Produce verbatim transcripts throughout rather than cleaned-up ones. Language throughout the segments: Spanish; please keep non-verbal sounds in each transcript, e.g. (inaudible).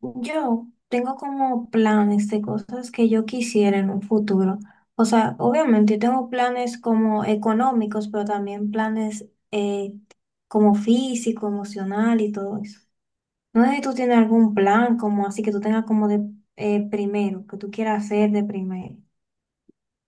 Yo tengo como planes de cosas que yo quisiera en un futuro. O sea, obviamente yo tengo planes como económicos, pero también planes eh, como físico, emocional y todo eso. No sé si tú tienes algún plan como así que tú tengas como de eh, primero, que tú quieras hacer de primero.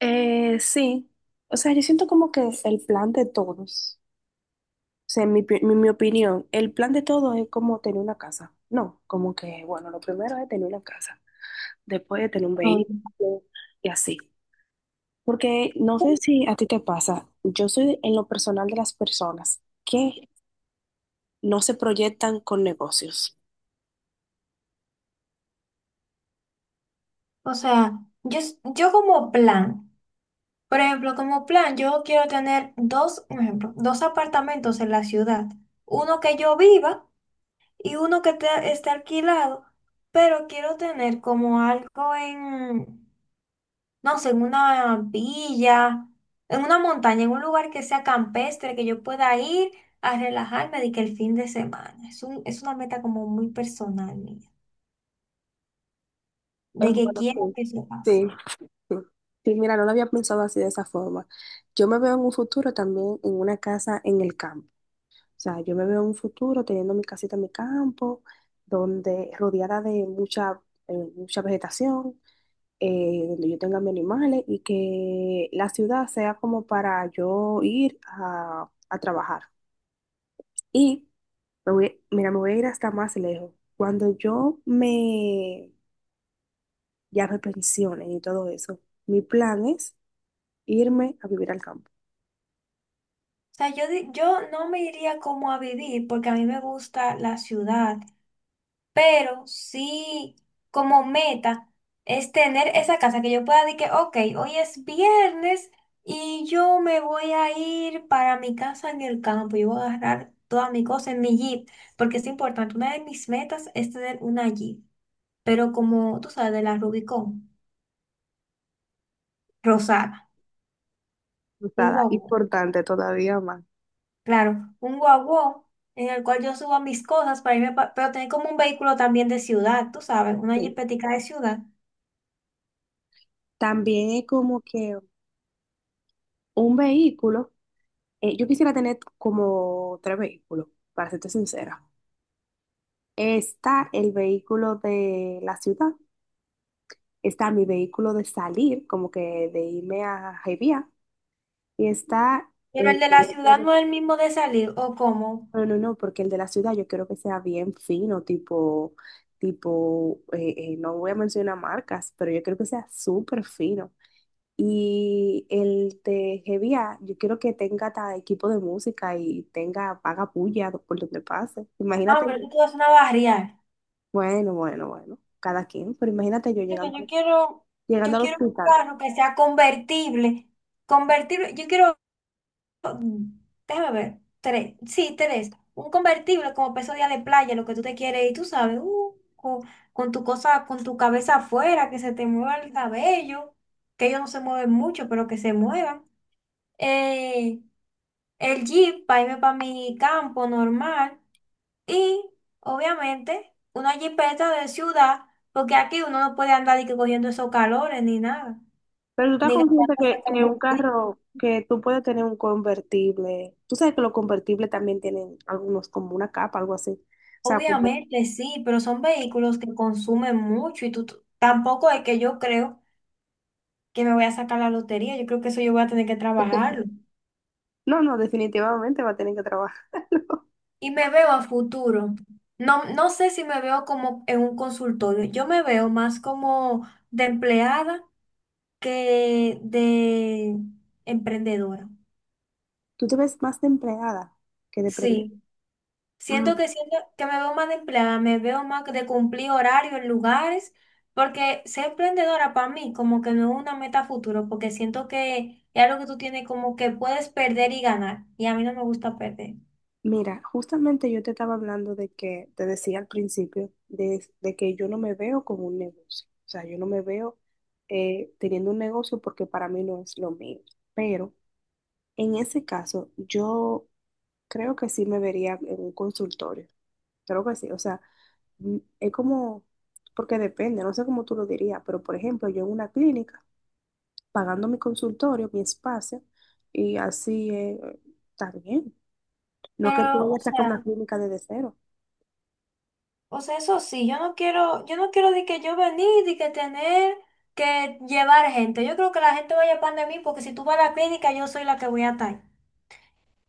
Eh, sí, o sea, yo siento como que el plan de todos, o sea, en mi, pi- mi, mi opinión, el plan de todos es como tener una casa. No, como que, bueno, lo primero es tener una casa. Después de tener un Oh. vehículo y así. Porque no sé si a ti te pasa, yo soy en lo personal de las personas que no se proyectan con negocios. O sea, yo, s- yo como plan, por ejemplo, como plan, yo quiero tener dos, un ejemplo, dos apartamentos en la ciudad. Uno que yo viva y uno que te- está alquilado, pero quiero tener como algo en, no sé, en una villa, en una montaña, en un lugar que sea campestre, que yo pueda ir a relajarme de que el fin de semana. Es un- es una meta como muy personal mía, Eh, de que Bueno, quiero sí, que se pase. sí, sí. Sí, mira, no lo había pensado así de esa forma. Yo me veo en un futuro también en una casa en el campo. O sea, yo me veo en un futuro teniendo mi casita en mi campo, donde rodeada de mucha, eh, mucha vegetación eh, donde yo tenga mis animales y que la ciudad sea como para yo ir a, a trabajar. Y me voy, mira, me voy a ir hasta más lejos. Cuando yo me ya me pensione y todo eso, mi plan es irme a vivir al campo. O sea, yo, di- yo no me iría como a vivir porque a mí me gusta la ciudad, pero sí como meta es tener esa casa que yo pueda decir que, ok, hoy es viernes y yo me voy a ir para mi casa en el campo y voy a agarrar toda mi cosa en mi Jeep, porque es importante. Una de mis metas es tener una Jeep, pero como tú sabes, de la Rubicon rosada, O un sea, guagua, importante todavía más. claro, un guagua. En el cual yo suba mis cosas para irme, pa- pero tener como un vehículo también de ciudad, tú sabes, una Sí. jeepetica de ciudad. También es como que un vehículo, eh, yo quisiera tener como tres vehículos, para serte sincera. Está el vehículo de la ciudad, está mi vehículo de salir, como que de irme a Jaivía, y está Pero el el de la vehículo ciudad de- no es el mismo de salir, ¿o cómo? No, no, no, porque el de la ciudad yo quiero que sea bien fino, tipo, tipo, eh, eh, no voy a mencionar marcas, pero yo quiero que sea súper fino. Y el de Hevia, yo quiero que tenga hasta equipo de música y tenga paga puya por donde pase. Ah, Imagínate, pero yo- tú te vas a una barrial. bueno, bueno, bueno, cada quien, pero imagínate yo Porque llegando, yo al- quiero, llegando yo al quiero un hospital. carro que sea convertible. Convertible, yo quiero, mm, déjame ver, tres, sí, tres. Un convertible como peso día de playa, lo que tú te quieres y tú sabes, uh, con, con tu cosa, con tu cabeza afuera, que se te mueva el cabello, que ellos no se mueven mucho, pero que se muevan. Eh, el Jeep para irme para mi campo normal. Y obviamente una jipeta de ciudad, porque aquí uno no puede andar y que cogiendo esos calores ni nada, Pero tú estás ni consciente gastando ese que, que un combustible. carro, que tú puedes tener un convertible. Tú sabes que los convertibles también tienen algunos como una capa, algo así. O sea, como... Obviamente sí, pero son vehículos que consumen mucho y tú tú- tampoco es que yo creo que me voy a sacar la lotería, yo creo que eso yo voy a tener que trabajarlo. No, no, definitivamente va a tener que trabajar. (laughs) Y me veo a futuro. No, no sé si me veo como en un consultorio, yo me veo más como de empleada que de emprendedora. Tú te ves más de empleada que de prende- Sí. Siento Mm. que siento que me veo más de empleada, me veo más de cumplir horario en lugares, porque ser emprendedora para mí como que no es una meta a futuro, porque siento que es algo que tú tienes como que puedes perder y ganar, y a mí no me gusta perder. Mira, justamente yo te estaba hablando de que, te decía al principio, de, de que yo no me veo como un negocio. O sea, yo no me veo eh, teniendo un negocio porque para mí no es lo mío. Pero en ese caso, yo creo que sí me vería en un consultorio. Creo que sí. O sea, mm, es como, porque depende, no sé cómo tú lo dirías, pero por ejemplo, yo en una clínica, pagando mi consultorio, mi espacio, y así eh, está bien. No es que tú Pero, vayas o a sacar sea, una clínica desde cero. o sea, eso sí, yo no quiero, yo no quiero de que yo venir, de que tener que llevar gente. Yo creo que la gente vaya para de mí, porque si tú vas a la clínica, yo soy la que voy a estar.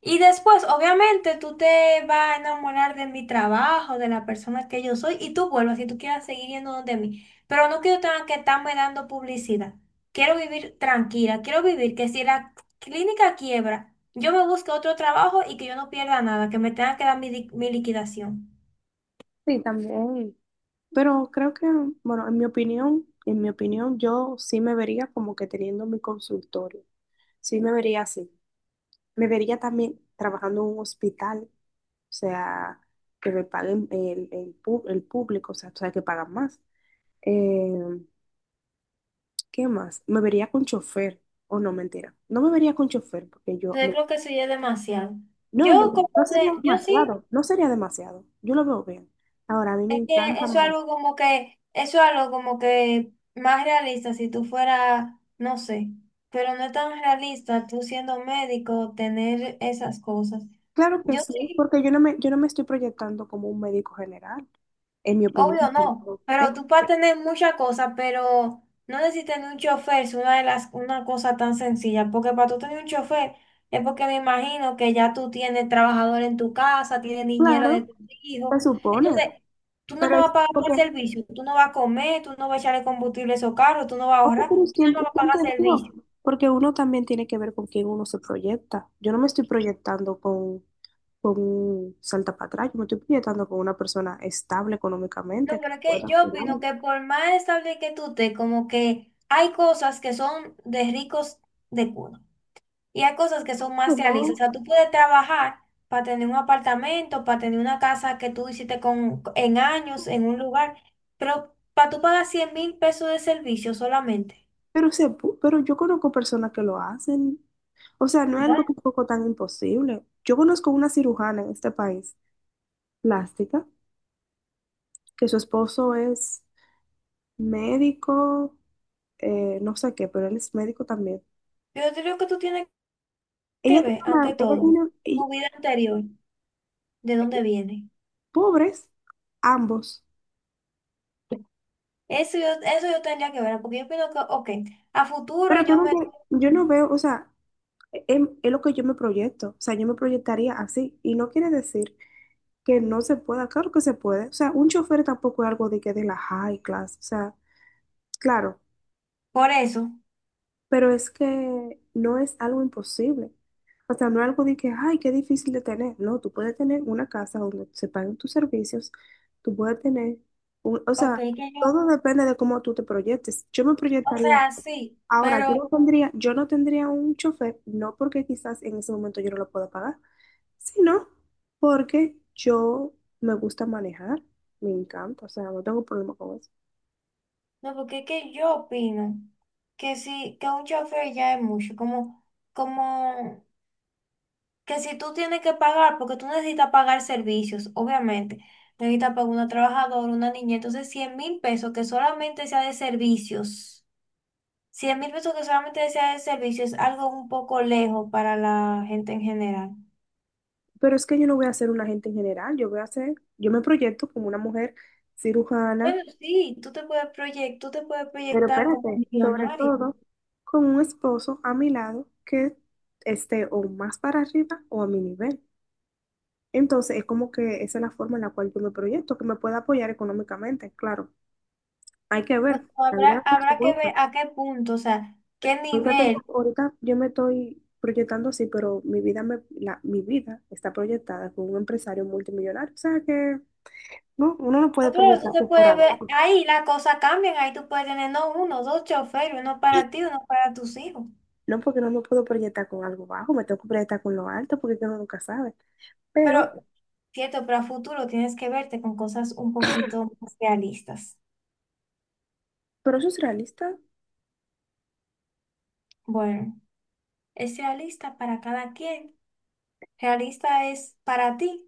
Y después, obviamente, tú te vas a enamorar de mi trabajo, de la persona que yo soy, y tú vuelvas si tú quieres seguir yendo donde mí. Pero no quiero tener que estarme dando publicidad. Quiero vivir tranquila, quiero vivir que si la clínica quiebra, yo me busque otro trabajo y que yo no pierda nada, que me tenga que dar mi, di- mi liquidación. Sí, también. Pero creo que, bueno, en mi opinión, en mi opinión, yo sí me vería como que teniendo mi consultorio. Sí me vería así. Me vería también trabajando en un hospital, o sea, que me paguen el, el, pu- el público, o sea, tú sabes que pagan más. Eh, ¿qué más? Me vería con chofer, o no, mentira. No me vería con chofer, porque yo, Entonces me- creo que eso ya es demasiado. no, no, Yo como no sería de, yo sí. demasiado, no sería demasiado, yo lo veo bien. Ahora, a mí me Es que encanta eso es manejar. algo como que, eso es algo como que más realista si tú fueras, no sé, pero no es tan realista tú siendo médico tener esas cosas. Claro que Yo sí, sí. porque yo no me, yo no me estoy proyectando como un médico general, en mi opinión. Obvio no, ¿Eh? pero tú puedes tener muchas cosas, pero no necesitas ni un chofer, es una de las, una cosa tan sencilla, porque para tú tener un chofer es porque me imagino que ya tú tienes trabajador en tu casa, tienes niñera de Claro, tus se hijos, supone, entonces tú no me pero vas es a pagar por porque servicio, tú no vas a comer, tú no vas a echarle combustible a esos carros, tú no vas a No, ahorrar, pero tú no ¿quién, me te vas a quién te pagar dijo? servicio. Porque uno también tiene que ver con quién uno se proyecta. Yo no me estoy proyectando con, con un salta para atrás, yo me estoy proyectando con una persona estable No, económicamente que pero es que pueda yo opino ayudarme. que por más estable que tú estés, como que hay cosas que son de ricos de cuna. Y hay cosas que son No, más realistas. O no, sea, tú puedes trabajar para tener un apartamento, para tener una casa que tú hiciste con, en años, en un lugar, pero para tú pagar cien mil pesos de servicio solamente. pero, se, pu- pero yo conozco personas que lo hacen. O sea, no es algo Bueno, tampoco tan imposible. Yo conozco una cirujana en este país, plástica, que su esposo es médico, eh, no sé qué, pero él es médico también. yo te digo que tú tienes Ella que tiene ver, ante una, ella todo, tiene, tu vida anterior, de dónde viene. pobres, ambos. Eso yo, eso yo tendría que ver, porque yo pienso que, ok, a futuro Pero que yo no me. tiene- yo no veo, o sea, es, es lo que yo me proyecto, o sea, yo me proyectaría así. Y no quiere decir que no se pueda, claro que se puede. O sea, un chofer tampoco es algo de que de la high class, o sea, claro, Por eso, pero es que no es algo imposible. O sea, no es algo de que, ay, qué difícil de tener. No, tú puedes tener una casa donde se paguen tus servicios, tú puedes tener, un- o ok, sea, que yo, todo depende de cómo tú te proyectes. Yo me o proyectaría. sea, sí, Ahora, yo pero. no tendría, yo no tendría un chofer, no porque quizás en ese momento yo no lo pueda pagar, sino porque yo me gusta manejar, me encanta, o sea, no tengo problema con eso. No, porque es que yo opino que si, que un chofer ya es mucho, como, como que si tú tienes que pagar, porque tú necesitas pagar servicios, obviamente, necesitas pagar una trabajadora, una niña, entonces cien mil pesos que solamente sea de servicios, cien mil pesos que solamente sea de servicios es algo un poco lejos para la gente en general. Pero es que yo no voy a ser un agente en general, yo voy a ser, yo me proyecto como una mujer cirujana, Bueno, sí, tú te puedes proyectar, tú te puedes pero proyectar como espérate, sobre millonario. todo con un esposo a mi lado que esté o más para arriba o a mi nivel. Entonces, es como que esa es la forma en la cual yo me proyecto, que me pueda apoyar económicamente, claro. Hay que ver, Bueno, la vida habrá, da muchas habrá que vueltas. ver a qué punto, o sea, qué Ahorita nivel. tengo- ahorita yo me estoy proyectando así, pero mi vida, me, la, mi vida está proyectada con un empresario multimillonario. O sea que no, uno no puede No, claro, tú proyectar te por por puedes abajo. ver, ahí las cosas cambian, ahí tú puedes tener no uno, dos choferes, uno para ti, uno para tus hijos. No porque no me puedo proyectar con algo bajo, me tengo que proyectar con lo alto porque uno nunca sabe. Pero, Pero, cierto, para futuro tienes que verte con cosas un poquito más realistas. pero eso es realista. Bueno, es realista para cada quien. Realista es para ti,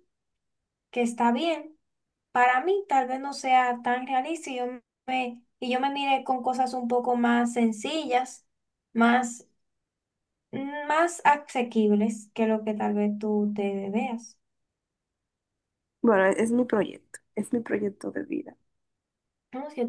que está bien. Para mí, tal vez no sea tan realista y yo me, y yo me mire con cosas un poco más sencillas, más, más asequibles que lo que tal vez tú te veas. Bueno, es mi proyecto, es mi proyecto de vida. No, si yo